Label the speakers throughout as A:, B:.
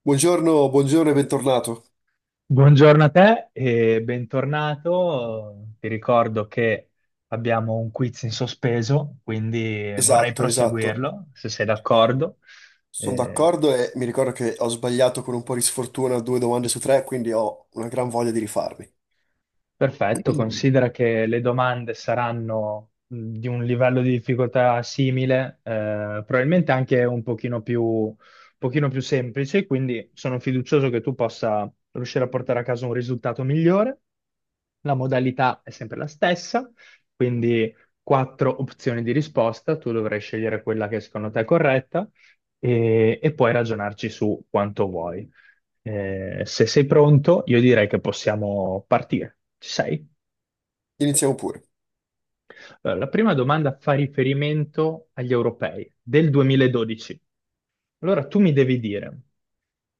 A: Buongiorno, buongiorno e bentornato.
B: Buongiorno a te e bentornato. Ti ricordo che abbiamo un quiz in sospeso, quindi vorrei
A: Esatto, esatto.
B: proseguirlo, se sei d'accordo.
A: Sono
B: Eh,
A: d'accordo e mi ricordo che ho sbagliato con un po' di sfortuna due domande su tre, quindi ho una gran voglia di rifarmi.
B: Perfetto, considera che le domande saranno di un livello di difficoltà simile, probabilmente anche un pochino più semplice, quindi sono fiducioso che tu possa riuscire a portare a casa un risultato migliore. La modalità è sempre la stessa, quindi quattro opzioni di risposta, tu dovrai scegliere quella che secondo te è corretta e puoi ragionarci su quanto vuoi. Se sei pronto, io direi che possiamo partire. Ci sei?
A: Iniziamo pure.
B: Allora, la prima domanda fa riferimento agli europei del 2012. Allora, tu mi devi dire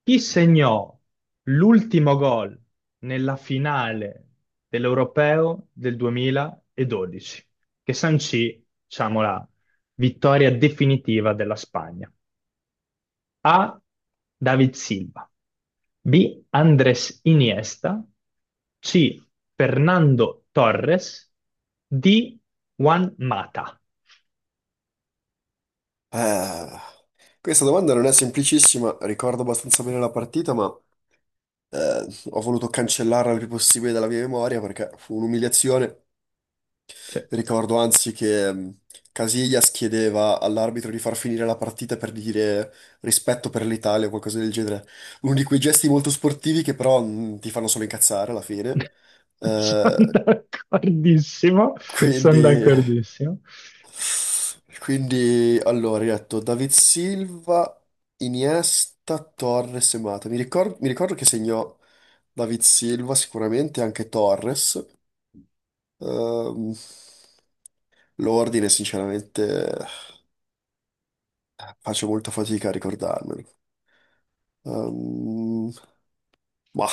B: chi segnò l'ultimo gol nella finale dell'Europeo del 2012, che sancì, diciamo, la vittoria definitiva della Spagna. A. David Silva. B. Andres Iniesta. C. Fernando Torres. D. Juan Mata.
A: Ah, questa domanda non è semplicissima, ricordo abbastanza bene la partita, ma eh, ho voluto cancellarla il più possibile dalla mia memoria perché fu un'umiliazione.
B: Sì.
A: Ricordo anzi che Casillas chiedeva all'arbitro di far finire la partita per dire rispetto per l'Italia o qualcosa del genere. Uno di quei gesti molto sportivi che però ti fanno solo incazzare alla fine.
B: Sono
A: Eh,
B: d'accordissimo, sono
A: quindi,
B: d'accordissimo.
A: allora, hai detto David Silva, Iniesta, Torres e Mata. Mi ricordo che segnò David Silva sicuramente, anche Torres. Ehm, l'ordine, sinceramente. Faccio molta fatica a ricordarmelo. Ehm, ma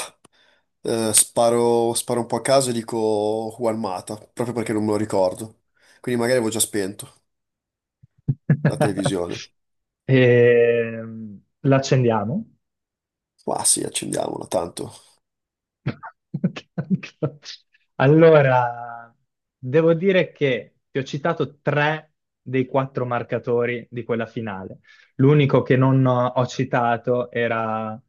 A: sparo, sparo un po' a caso e dico Juan Mata, proprio perché non me lo ricordo. Quindi magari avevo già spento la televisione.
B: L'accendiamo.
A: Ma sì, accendiamola, tanto.
B: Tanto. Allora, devo dire che ti ho citato tre dei quattro marcatori di quella finale. L'unico che non ho citato era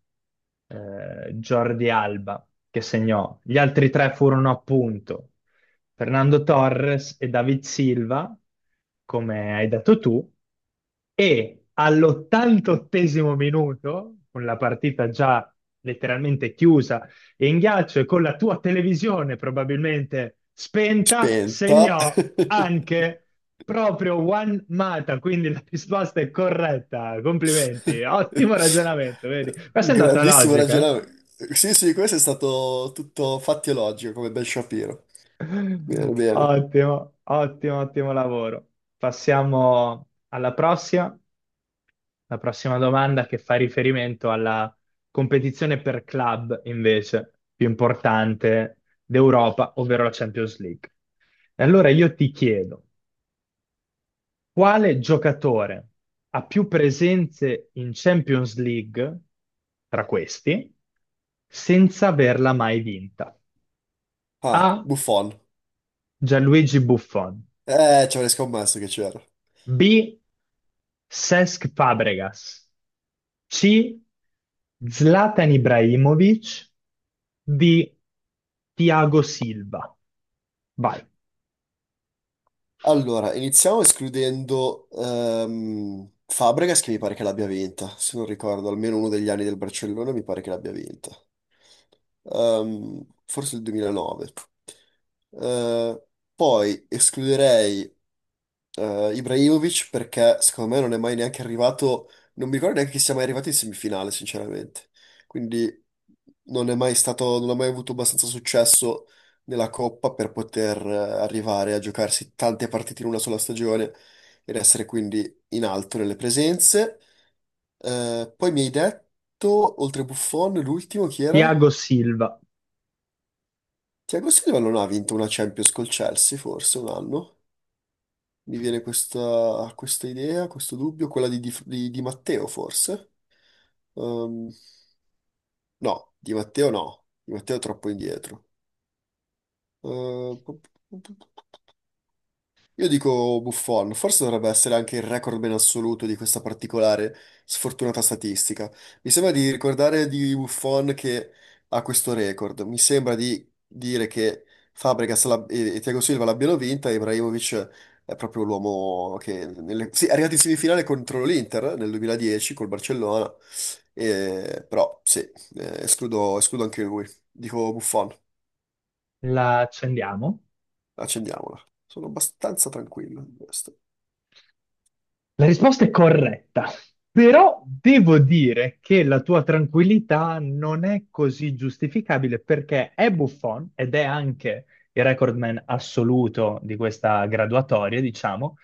B: Jordi Alba, che segnò. Gli altri tre furono appunto Fernando Torres e David Silva, come hai detto tu, e all'88esimo minuto, con la partita già letteralmente chiusa in ghiaccio e con la tua televisione probabilmente spenta,
A: Spenta.
B: segnò anche proprio Juan Mata, quindi la risposta è corretta. Complimenti, ottimo ragionamento, vedi? Questa è andata
A: Grandissimo
B: logica. Eh?
A: ragionamento. Sì, sì, questo è stato tutto fatti e logico, come Ben Shapiro. Bene, bene.
B: Ottimo, ottimo, ottimo lavoro. Passiamo alla prossima. La prossima domanda che fa riferimento alla competizione per club, invece, più importante d'Europa, ovvero la Champions League. E allora io ti chiedo, quale giocatore ha più presenze in Champions League tra questi senza averla mai vinta?
A: Ah,
B: A.
A: Buffon.
B: Gianluigi Buffon.
A: Ci avrei scommesso che c'era.
B: B. Cesc Fabregas. C. Zlatan Ibrahimovic. D. Thiago Silva. Vai.
A: Allora, iniziamo escludendo Fabregas, che mi pare che l'abbia vinta, se non ricordo, almeno uno degli anni del Barcellona mi pare che l'abbia vinta. Forse il 2009. Eh, Poi escluderei Ibrahimovic perché secondo me non è mai neanche arrivato, non mi ricordo neanche che sia mai arrivato in semifinale, sinceramente. Quindi non è mai stato, non ha mai avuto abbastanza successo nella Coppa per poter arrivare a giocarsi tante partite in una sola stagione ed essere quindi in alto nelle presenze. Poi mi hai detto, oltre Buffon, l'ultimo chi era?
B: Thiago Silva.
A: Thiago Silva non ha vinto una Champions col Chelsea, forse un anno. Mi viene questa, questa idea, questo dubbio, quella di, Di Matteo forse? Ehm, no, Di Matteo no, Di Matteo è troppo indietro. Ehm, Io dico Buffon, forse dovrebbe essere anche il recordman assoluto di questa particolare sfortunata statistica. Mi sembra di ricordare di Buffon che ha questo record. Mi sembra di dire che Fabregas e Thiago Silva l'abbiano vinta, e Ibrahimovic è proprio l'uomo sì, è arrivato in semifinale contro l'Inter nel 2010 col Barcellona, però sì, escludo, escludo anche lui. Dico Buffon,
B: La accendiamo.
A: accendiamola. Sono abbastanza tranquillo in questo.
B: La risposta è corretta, però devo dire che la tua tranquillità non è così giustificabile perché è Buffon ed è anche il recordman assoluto di questa graduatoria, diciamo,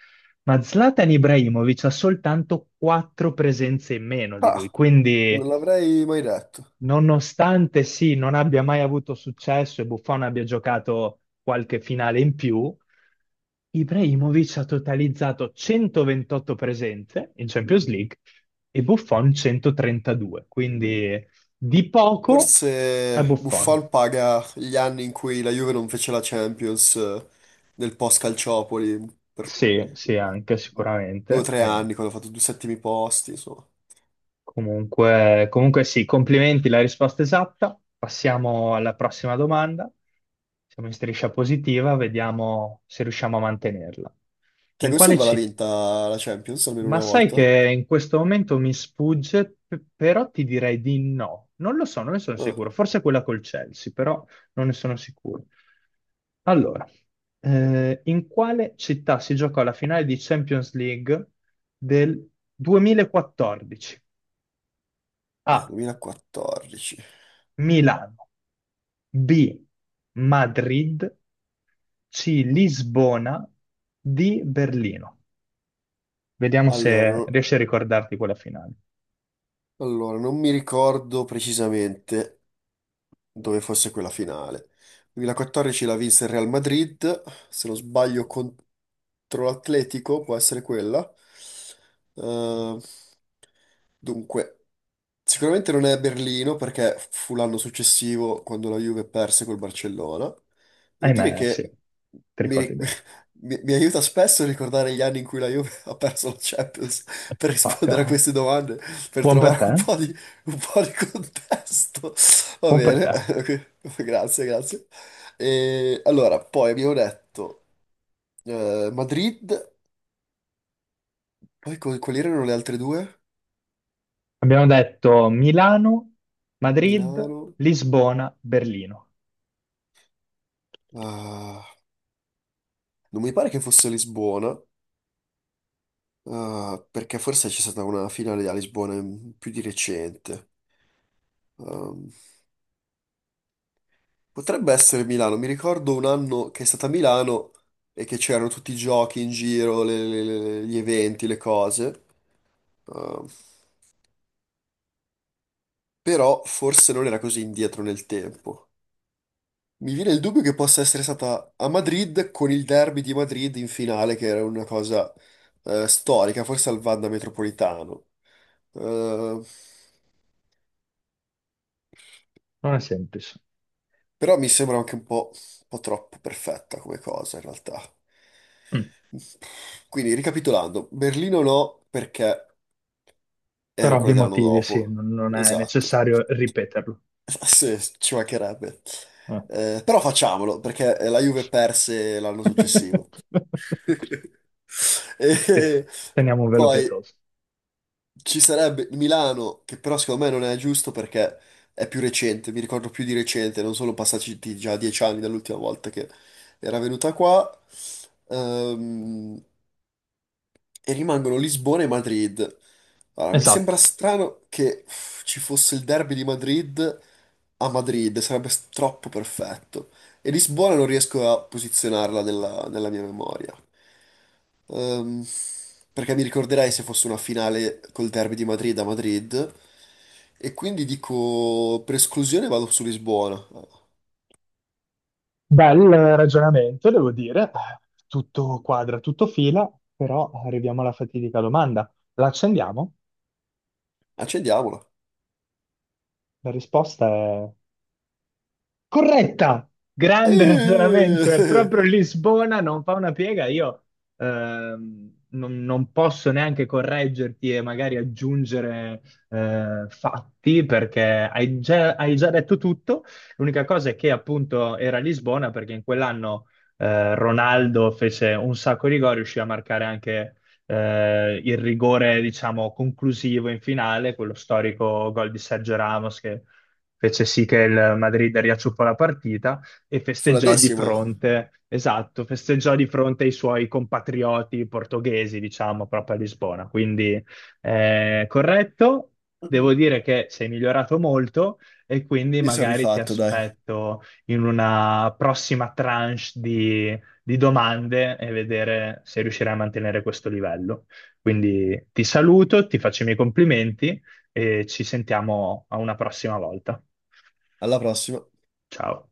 B: ma Zlatan Ibrahimovic ha soltanto quattro presenze in meno di lui,
A: Ah. Non
B: quindi
A: l'avrei mai detto.
B: nonostante sì, non abbia mai avuto successo e Buffon abbia giocato qualche finale in più, Ibrahimovic ha totalizzato 128 presenze in Champions League e Buffon 132, quindi di poco è
A: Forse
B: Buffon.
A: Buffon paga gli anni in cui la Juve non fece la Champions nel post-Calciopoli per
B: Sì, sì, anche
A: due o
B: sicuramente.
A: tre anni, quando ha fatto due settimi posti, insomma.
B: Comunque sì, complimenti, la risposta esatta. Passiamo alla prossima domanda. Siamo in striscia positiva, vediamo se riusciamo a mantenerla. In
A: Thiago
B: quale
A: Silva l'ha
B: città?
A: vinta la Champions almeno una
B: Ma sai
A: volta?
B: che in questo momento mi sfugge, però ti direi di no. Non lo so, non ne sono
A: Ah,
B: sicuro. Forse quella col Chelsea, però non ne sono sicuro. Allora, in quale città si giocò la finale di Champions League del 2014? A.
A: 2014.
B: Milano. B. Madrid. C. Lisbona. D. Berlino. Vediamo
A: Allora,
B: se riesci a ricordarti quella finale.
A: allora, non mi ricordo precisamente dove fosse quella finale. 2014 la vinse il Real Madrid, se non sbaglio contro l'Atletico, può essere quella. Eh, Dunque, sicuramente non è Berlino perché fu l'anno successivo quando la Juve perse col Barcellona. Devo dire
B: Ahimè, sì,
A: che
B: ti
A: mi,
B: ricordi
A: ri-
B: bene.
A: mi aiuta spesso a ricordare gli anni in cui la Juve ha perso la Champions per rispondere a
B: Proprio.
A: queste domande, per
B: Buon per
A: trovare
B: te, eh?
A: un po' di contesto. Va
B: Buon per
A: bene,
B: te.
A: grazie, grazie. E, allora, poi abbiamo detto Madrid, poi quali erano le altre due?
B: Abbiamo detto Milano, Madrid,
A: Milano.
B: Lisbona, Berlino.
A: Ah, non mi pare che fosse Lisbona, ah, perché forse c'è stata una finale a Lisbona più di recente. Ehm, Potrebbe essere Milano, mi ricordo un anno che è stata a Milano e che c'erano tutti i giochi in giro, gli eventi, le cose. Ehm, Però forse non era così indietro nel tempo. Mi viene il dubbio che possa essere stata a Madrid con il derby di Madrid in finale, che era una cosa storica, forse al Wanda Metropolitano. Eh,
B: Non è semplice.
A: Però mi sembra anche un po' troppo perfetta come cosa, in realtà.
B: Mm.
A: Quindi, ricapitolando, Berlino no, perché
B: Per
A: era
B: ovvi
A: quella dell'anno
B: motivi, sì,
A: dopo.
B: non è
A: Esatto.
B: necessario ripeterlo.
A: Sì, ci mancherebbe.
B: Eh.
A: Però facciamolo, perché la Juve perse l'anno successivo.
B: Sì,
A: E
B: teniamo un velo
A: poi
B: pietoso.
A: ci sarebbe il Milano, che però secondo me non è giusto perché è più recente, mi ricordo più di recente, non sono passati già 10 anni dall'ultima volta che era venuta qua. Ehm, e rimangono Lisbona e Madrid. Allora, mi sembra
B: Esatto.
A: strano che uff, ci fosse il derby di Madrid a Madrid, sarebbe troppo perfetto. E Lisbona non riesco a posizionarla nella, nella mia memoria. Ehm, Perché mi ricorderei se fosse una finale col derby di Madrid a Madrid. E quindi dico, per esclusione vado su Lisbona.
B: Bel ragionamento, devo dire. Tutto quadra, tutto fila, però arriviamo alla fatidica domanda. La accendiamo?
A: Accendiamola.
B: La risposta è corretta, grande ragionamento, è
A: Eh,
B: proprio Lisbona, non fa una piega, io non posso neanche correggerti e magari aggiungere fatti perché hai già detto tutto, l'unica cosa è che appunto era Lisbona perché in quell'anno Ronaldo fece un sacco di gol, riuscì a marcare anche il rigore diciamo conclusivo in finale, quello storico gol di Sergio Ramos che fece sì che il Madrid riacciuffò la partita e
A: fu la
B: festeggiò di
A: decima.
B: fronte, esatto, festeggiò di fronte ai suoi compatrioti portoghesi, diciamo, proprio a Lisbona. Quindi corretto, devo dire che sei migliorato molto e quindi
A: Mi sono
B: magari ti
A: rifatto, dai.
B: aspetto in una prossima tranche di domande e vedere se riuscirai a mantenere questo livello. Quindi ti saluto, ti faccio i miei complimenti e ci sentiamo a una prossima volta.
A: Alla prossima.
B: Ciao.